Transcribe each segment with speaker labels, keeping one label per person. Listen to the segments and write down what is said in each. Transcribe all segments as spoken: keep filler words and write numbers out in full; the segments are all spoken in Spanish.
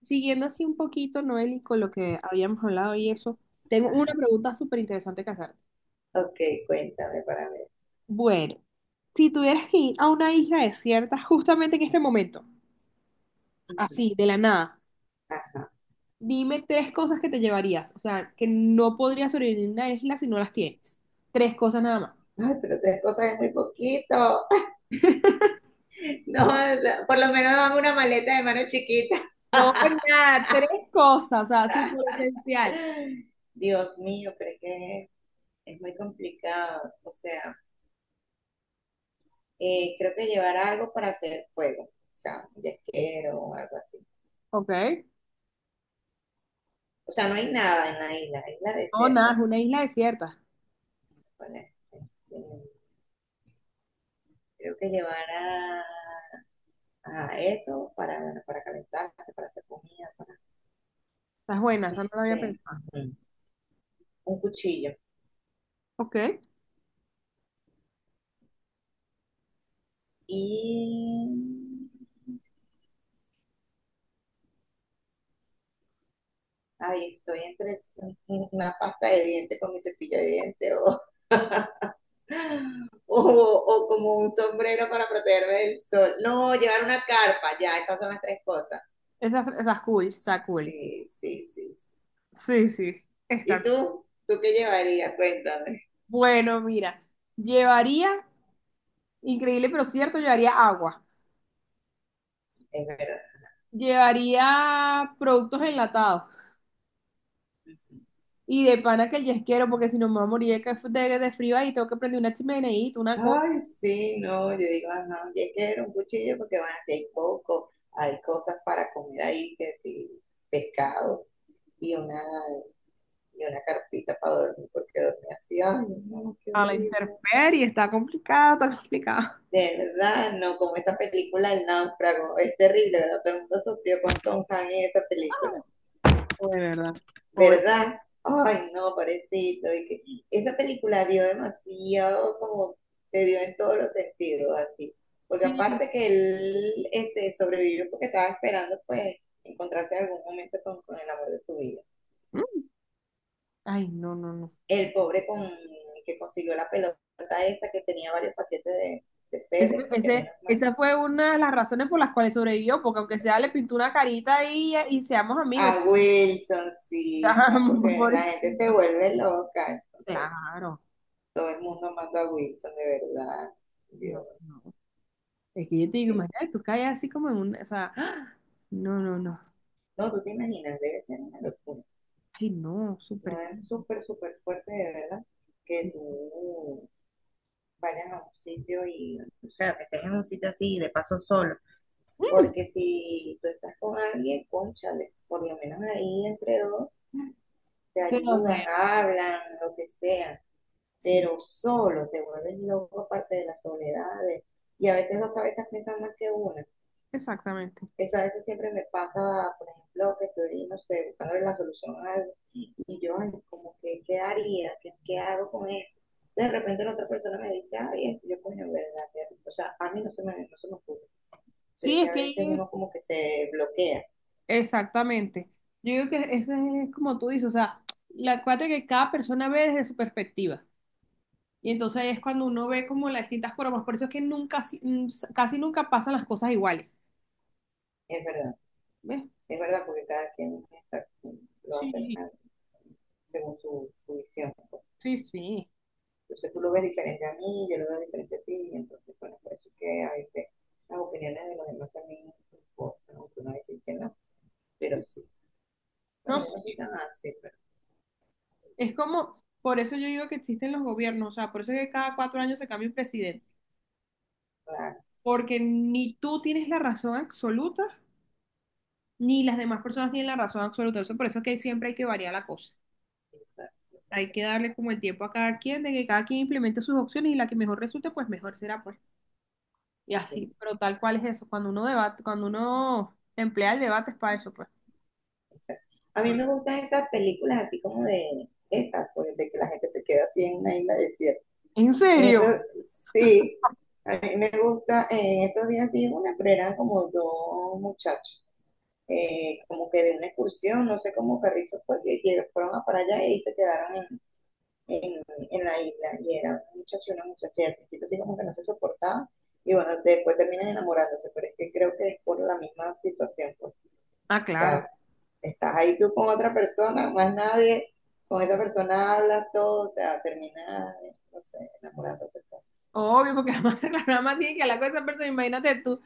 Speaker 1: Siguiendo así un poquito, Noel, y con lo que habíamos hablado y eso, tengo una pregunta súper interesante que hacerte.
Speaker 2: Ok, cuéntame para ver.
Speaker 1: Bueno, si tuvieras que ir a una isla desierta justamente en este momento,
Speaker 2: Ujú.
Speaker 1: así, de la nada,
Speaker 2: Ah,
Speaker 1: dime tres cosas que te llevarías. O sea, que no podrías sobrevivir en una isla si no las tienes. Tres cosas nada más.
Speaker 2: ay, pero tres cosas es muy poquito. No, no, por lo menos dame una maleta de mano chiquita.
Speaker 1: No, pues, nada, tres cosas, o sea, súper esencial.
Speaker 2: Dios mío, pero es que es es muy complicado. O sea, eh, creo que llevar algo para hacer fuego. O sea, un yesquero o algo así.
Speaker 1: Ok.
Speaker 2: O sea, no hay nada en la isla. Es la
Speaker 1: No, nada,
Speaker 2: desierta,
Speaker 1: es
Speaker 2: ¿no?
Speaker 1: una isla desierta.
Speaker 2: Bueno, este, creo que llevar a, a eso para, para calentarse, para hacer comida, para
Speaker 1: Estás buena, eso no lo había
Speaker 2: este,
Speaker 1: pensado.
Speaker 2: ujú, un cuchillo.
Speaker 1: Ok.
Speaker 2: Y ahí estoy entre una pasta de dientes con mi cepillo de dientes o, o, o como un sombrero para protegerme del sol. No, llevar una carpa, ya, esas son las tres cosas.
Speaker 1: Esa, esa es cool, está cool.
Speaker 2: Sí, sí, sí.
Speaker 1: Sí, sí.
Speaker 2: ¿Y
Speaker 1: Está
Speaker 2: tú? ¿Tú qué llevarías? Cuéntame.
Speaker 1: bueno, mira, llevaría, increíble pero cierto, llevaría agua,
Speaker 2: Es verdad.
Speaker 1: llevaría productos enlatados y de pana que el yesquero, porque si no me voy a morir de, ca- de- de frío ahí, tengo que prender una chimeneita, una cosa.
Speaker 2: Ay, sí, no, yo digo, ajá, y es que era un cuchillo porque van a hay coco, hay cosas para comer ahí, que sí, pescado y una y una carpita para dormir, porque dormía así, ay, no, no, qué
Speaker 1: A la
Speaker 2: horrible.
Speaker 1: intemperie, está complicado, está complicado.
Speaker 2: De verdad, no, como esa película El náufrago, es terrible, ¿verdad? Todo el mundo sufrió con Tom Hanks en esa película,
Speaker 1: De verdad. Pobre.
Speaker 2: ¿verdad? Ay, no, parecito. Y que esa película dio demasiado, como te dio en todos los sentidos, así. Porque
Speaker 1: Sí.
Speaker 2: aparte que él este, sobrevivió porque estaba esperando, pues, encontrarse en algún momento con, con el amor de su vida.
Speaker 1: Mm. Ay, no, no, no.
Speaker 2: El pobre con, que consiguió la pelota esa que tenía varios paquetes de, de
Speaker 1: Ese,
Speaker 2: FedEx, que
Speaker 1: ese-
Speaker 2: menos mal.
Speaker 1: esa fue una de las razones por las cuales sobrevivió, porque aunque sea le pintó una carita y, y seamos amigos.
Speaker 2: A Wilsoncita, porque la gente se
Speaker 1: Pobrecito.
Speaker 2: vuelve loca, entonces
Speaker 1: Claro.
Speaker 2: todo el mundo manda a Wilson, de verdad.
Speaker 1: No,
Speaker 2: Dios,
Speaker 1: no. Es que yo te digo,
Speaker 2: sí.
Speaker 1: imagínate, tú caes así como en un, o sea, ¡ah! No, no, no.
Speaker 2: No, tú te imaginas, debe ser una locura.
Speaker 1: Ay, no, súper
Speaker 2: No es
Speaker 1: caro.
Speaker 2: súper, súper fuerte, de verdad, que tú vayas a un sitio y, o sea, que estés en un sitio así, de paso solo.
Speaker 1: Mm,
Speaker 2: Porque si tú estás con alguien, cónchale por lo menos ahí entre dos, te
Speaker 1: sé
Speaker 2: ayudan,
Speaker 1: dónde.
Speaker 2: hablan, lo que sea,
Speaker 1: Sí,
Speaker 2: pero solo te vuelves loco aparte de las soledades. Y a veces dos cabezas piensan más que una.
Speaker 1: exactamente.
Speaker 2: Eso a veces siempre me pasa, por ejemplo, que estoy, no sé, buscando la solución a algo y yo, ay, como que, ¿qué haría? ¿Qué, qué hago con esto? De repente la otra persona me dice, ay, yo coño, en verdad, o sea, a mí no se me, no se me ocurre, pero es
Speaker 1: Sí,
Speaker 2: que
Speaker 1: es
Speaker 2: a veces
Speaker 1: que
Speaker 2: uno como que se bloquea,
Speaker 1: exactamente. Yo digo que ese es como tú dices, o sea, la cuate que cada persona ve desde su perspectiva. Y entonces ahí es cuando uno ve como las distintas formas. Por eso es que nunca, si- mm, casi nunca pasan las cosas iguales.
Speaker 2: es verdad.
Speaker 1: ¿Ves?
Speaker 2: Es verdad porque cada quien lo hace
Speaker 1: Sí,
Speaker 2: ah, según su, su visión, pues.
Speaker 1: sí, sí.
Speaker 2: Entonces tú lo ves diferente a mí, yo lo veo diferente a ti, y entonces, bueno, por eso es que a veces las opiniones de los demás también importan, aunque uno a veces que no, pero sí.
Speaker 1: No,
Speaker 2: Bueno, yo no
Speaker 1: sí.
Speaker 2: soy tan así, pero
Speaker 1: Es como, por eso yo digo que existen los gobiernos, o sea, por eso es que cada cuatro años se cambia un presidente.
Speaker 2: claro,
Speaker 1: Porque ni tú tienes la razón absoluta, ni las demás personas tienen la razón absoluta. Eso, por eso es que siempre hay que variar la cosa.
Speaker 2: exacto, exacto,
Speaker 1: Hay que darle como el tiempo a cada quien, de que cada quien implemente sus opciones y la que mejor resulte, pues mejor será, pues. Y
Speaker 2: sí,
Speaker 1: así, pero tal cual es eso. Cuando uno debate, cuando uno emplea el debate es para eso, pues.
Speaker 2: exacto. A mí me
Speaker 1: Porque-
Speaker 2: gustan esas películas así como de esas, pues, de que la gente se queda así en una isla desierta.
Speaker 1: ¿En
Speaker 2: En
Speaker 1: serio?
Speaker 2: estos, sí, a mí me gusta, en estos días vi una, pero eran como dos muchachos, eh, como que de una excursión, no sé cómo Carrizo fue, que que fueron a para allá y se quedaron en, en, en la isla. Y era un muchacho y una muchacha, y al principio así como que no se soportaban, y bueno, después terminan enamorándose, pero es que creo que es por la misma situación, pues.
Speaker 1: Ah,
Speaker 2: O
Speaker 1: claro.
Speaker 2: sea, estás ahí tú con otra persona, más nadie, con esa persona hablas todo, o sea, terminas, no sé, enamorándote.
Speaker 1: Obvio, porque además nada más tiene que hablar con esa persona, imagínate tú.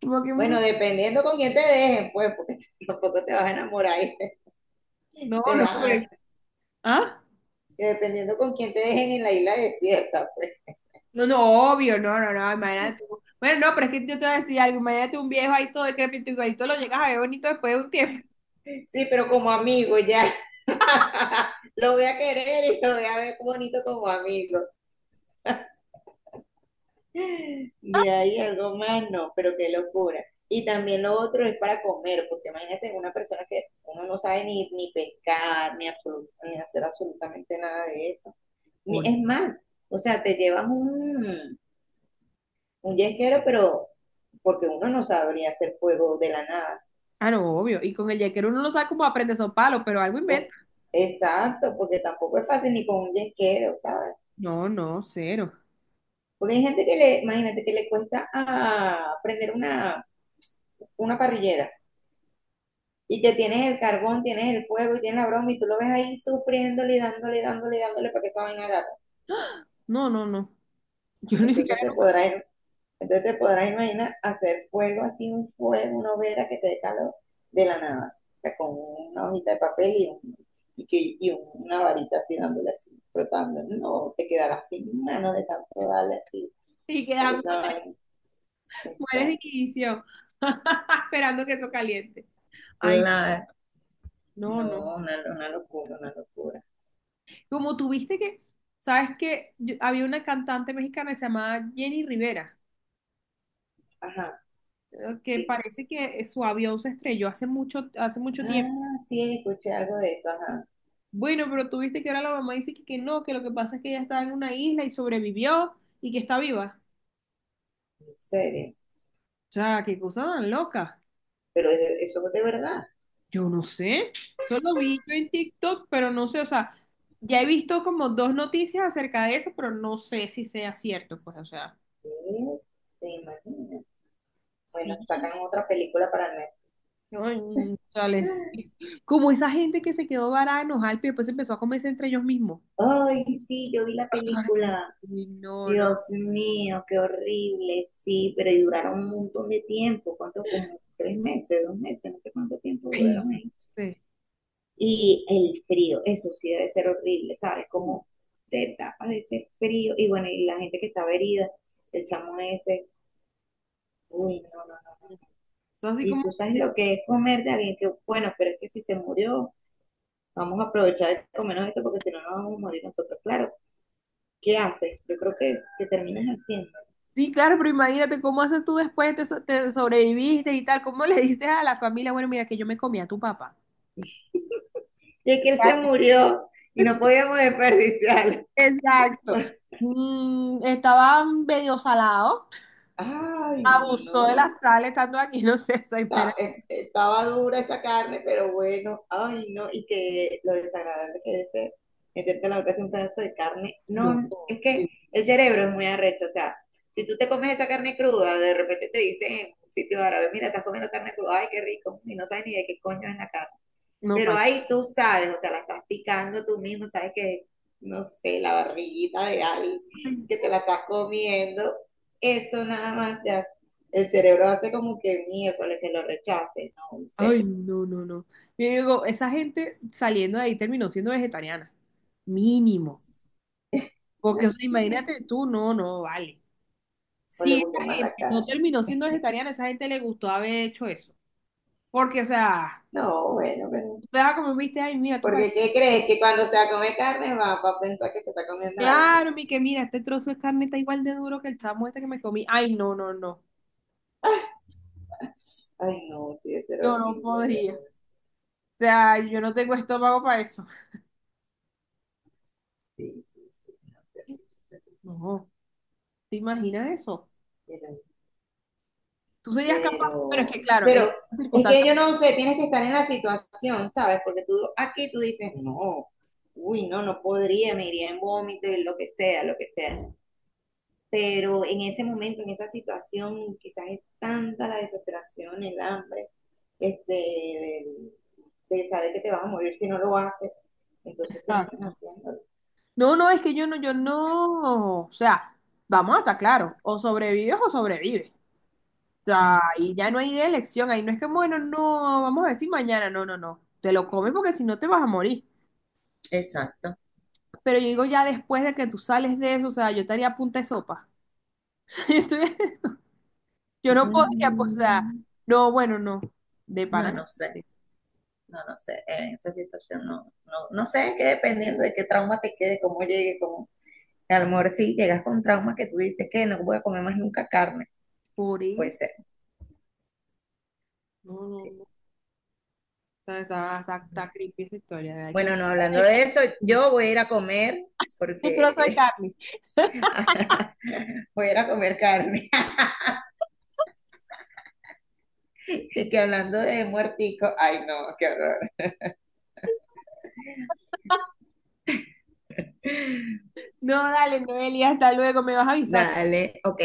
Speaker 1: Como que, mm,
Speaker 2: Bueno, dependiendo con quién te dejen, pues, porque tampoco te vas a enamorar y te,
Speaker 1: no,
Speaker 2: te
Speaker 1: no,
Speaker 2: dejan-
Speaker 1: pero... ¿Ah?
Speaker 2: dependiendo con quién te dejen en la isla desierta, pues.
Speaker 1: No, no, obvio, no, no, no, imagínate tú. Bueno, no, pero es que yo te voy a decir algo, imagínate un viejo ahí todo decrépito, igualito lo llegas a ver bonito después de un tiempo.
Speaker 2: Sí, pero como amigo ya. Lo voy a querer y lo voy a ver bonito como amigo. De ahí algo más, no, pero qué locura. Y también lo otro es para comer, porque imagínate una persona que uno no sabe ni, ni pescar, ni, absolu- ni hacer absolutamente nada de eso. Ni-
Speaker 1: Pobre.
Speaker 2: Es más, o sea, te llevas un, un yesquero, pero porque uno no sabría hacer fuego de la nada,
Speaker 1: Ah, no, obvio, y con el yaquero uno no sabe cómo aprende esos palos, pero algo inventa.
Speaker 2: ¿no? Exacto, porque tampoco es fácil ni con un yesquero, ¿sabes?
Speaker 1: No, no, cero.
Speaker 2: Porque hay gente que le, imagínate que le cuesta ah, prender una, una parrillera y que tienes el carbón, tienes el fuego y tienes la broma y tú lo ves ahí sufriéndole y dándole, dándole, dándole para que esa vaina agarre.
Speaker 1: No, no, no. Yo ni
Speaker 2: Entonces
Speaker 1: siquiera
Speaker 2: te
Speaker 1: nunca
Speaker 2: podrás Entonces te podrás imaginar hacer fuego así, un fuego, una hoguera que te dé calor de la nada. O sea, con una hojita de papel y, un- y, que- y un- una varita así dándole así, frotando. No, te quedarás sin mano de tanto darle así.
Speaker 1: y
Speaker 2: Para que
Speaker 1: quedando
Speaker 2: esa
Speaker 1: de
Speaker 2: vaina.
Speaker 1: las mujeres de
Speaker 2: Exacto.
Speaker 1: división, esperando que eso caliente. Ay,
Speaker 2: Claro.
Speaker 1: no, no.
Speaker 2: No, una, una locura, una locura.
Speaker 1: Como tuviste que, sabes que había una cantante mexicana que se llamaba Jenny Rivera,
Speaker 2: Ajá,
Speaker 1: eh, que
Speaker 2: sí.
Speaker 1: parece que su avión se estrelló hace mucho, hace mucho tiempo.
Speaker 2: Ah, sí, escuché algo de eso, ajá.
Speaker 1: Bueno, pero tú viste que ahora la mamá dice que, que no, que lo que pasa es que ella estaba en una isla y sobrevivió y que está viva.
Speaker 2: ¿En serio?
Speaker 1: O sea, qué cosa tan loca.
Speaker 2: Pero es- eso es de verdad.
Speaker 1: Yo no sé. Solo vi yo en TikTok, pero no sé. O sea, ya he visto como dos noticias acerca de eso, pero no sé si sea cierto. Pues, o sea,
Speaker 2: Sí, te imaginas. Bueno,
Speaker 1: sí.
Speaker 2: sacan otra película para
Speaker 1: no, mm, o sea, les-
Speaker 2: Netflix.
Speaker 1: Como esa gente que se quedó varada en Ojalp y después empezó a comerse entre ellos mismos.
Speaker 2: Ay, sí, yo vi la película.
Speaker 1: Ay, no, no.
Speaker 2: Dios mío, qué horrible. Sí, pero duraron un montón de tiempo. ¿Cuánto? Como tres meses, dos meses, no sé cuánto tiempo
Speaker 1: Ay,
Speaker 2: duraron
Speaker 1: no
Speaker 2: ahí.
Speaker 1: sé.
Speaker 2: Y el frío, eso sí debe ser horrible, ¿sabes? Como te tapas de ese frío. Y bueno, y la gente que estaba herida, el chamo ese. Uy, no, no, no.
Speaker 1: Es así
Speaker 2: Y
Speaker 1: como.
Speaker 2: tú sabes lo que es comer de alguien que, bueno, pero es que si se murió, vamos a aprovechar de comernos esto porque si no nos vamos a morir nosotros. Claro, ¿qué haces? Yo creo que, que terminas haciendo.
Speaker 1: Sí, claro, pero imagínate cómo haces tú después, te, so- te sobreviviste y tal, cómo le dices a la familia, bueno, mira que yo me comí a tu papá.
Speaker 2: Y es que él se murió y no podíamos desperdiciarlo.
Speaker 1: Exacto. Mm, estaba medio salado,
Speaker 2: Ay,
Speaker 1: abusó de la
Speaker 2: no.
Speaker 1: sal estando aquí, no sé, o sea, imagínate.
Speaker 2: eh, Estaba dura esa carne, pero bueno, ay, no. Y que lo desagradable que es eh, meterte en la boca así un pedazo de carne.
Speaker 1: No,
Speaker 2: No, es que
Speaker 1: eh,
Speaker 2: el cerebro es muy arrecho. O sea, si tú te comes esa carne cruda, de repente te dicen en un sitio árabe, mira, estás comiendo carne cruda, ay, qué rico, y no sabes ni de qué coño es la carne.
Speaker 1: no,
Speaker 2: Pero
Speaker 1: tal.
Speaker 2: ahí tú sabes, o sea, la estás picando tú mismo, sabes que, no sé, la barriguita de alguien que te la estás comiendo, eso nada más ya, el cerebro hace como que miércoles que lo rechace, no
Speaker 1: Ay,
Speaker 2: sé.
Speaker 1: no, no, no. Yo digo, esa gente saliendo de ahí terminó siendo vegetariana, mínimo. Porque, o sea, imagínate tú, no, no, vale.
Speaker 2: O le
Speaker 1: Si esa
Speaker 2: gustó más la
Speaker 1: gente no
Speaker 2: carne.
Speaker 1: terminó siendo vegetariana, esa gente le gustó haber hecho eso. Porque, o sea,
Speaker 2: No, bueno, pero.
Speaker 1: tú te vas como viste, ay, mira, tú
Speaker 2: Porque
Speaker 1: pareces.
Speaker 2: ¿qué crees? Que cuando se come carne va, va a pensar que se está comiendo a alguien.
Speaker 1: Claro, mi que mira, este trozo de carne está igual de duro que el chamo este que me comí. Ay, no, no, no.
Speaker 2: Ay, no, sí, debe ser
Speaker 1: Yo no
Speaker 2: horrible, de
Speaker 1: podría. O
Speaker 2: verdad.
Speaker 1: sea, yo no tengo estómago para eso.
Speaker 2: Sí, sí, sí, sí,
Speaker 1: No, ¿te imaginas eso?
Speaker 2: sí, sí,
Speaker 1: Tú serías capaz, pero es
Speaker 2: pero,
Speaker 1: que, claro, en
Speaker 2: pero
Speaker 1: estas
Speaker 2: es que
Speaker 1: circunstancias.
Speaker 2: yo no sé, tienes que estar en la situación, ¿sabes? Porque tú aquí tú dices, no, uy, no, no podría, me iría en vómito y lo que sea, lo que sea. Pero en ese momento, en esa situación, quizás es tanta la desesperación, el hambre, este, el- de saber que te vas a morir si no lo haces, entonces terminas
Speaker 1: Exacto.
Speaker 2: haciéndolo.
Speaker 1: No, no, es que yo no, yo no. O sea, vamos a estar claro. O sobrevives o sobrevives. O sea, y ya no hay de elección. Ahí no es que, bueno, no, vamos a decir mañana. No, no, no. Te lo comes porque si no te vas a morir.
Speaker 2: Exacto.
Speaker 1: Pero yo digo ya después de que tú sales de eso, o sea, yo estaría a punta de sopa. Yo estoy- yo no podría, pues, o sea,
Speaker 2: Mm,
Speaker 1: no, bueno, no. De pana.
Speaker 2: no, no sé.
Speaker 1: que-
Speaker 2: No, no sé, en esa situación no, no, no sé, es que dependiendo de qué trauma te quede, cómo llegue, cómo, a lo mejor sí llegas con traumas que tú dices que no voy a comer más nunca carne,
Speaker 1: Por
Speaker 2: puede
Speaker 1: eso.
Speaker 2: ser,
Speaker 1: No,
Speaker 2: sí.
Speaker 1: no, no. Está, está, está, está creepy esa historia. ¿Verdad? Hay que...
Speaker 2: Bueno, no, hablando de eso, yo voy a ir a comer
Speaker 1: Un trozo de
Speaker 2: porque
Speaker 1: carne.
Speaker 2: voy a ir a comer carne. Y que hablando de muertico, ay no, qué horror.
Speaker 1: No, dale, Noelia, hasta luego, me vas avisando.
Speaker 2: Dale, ok,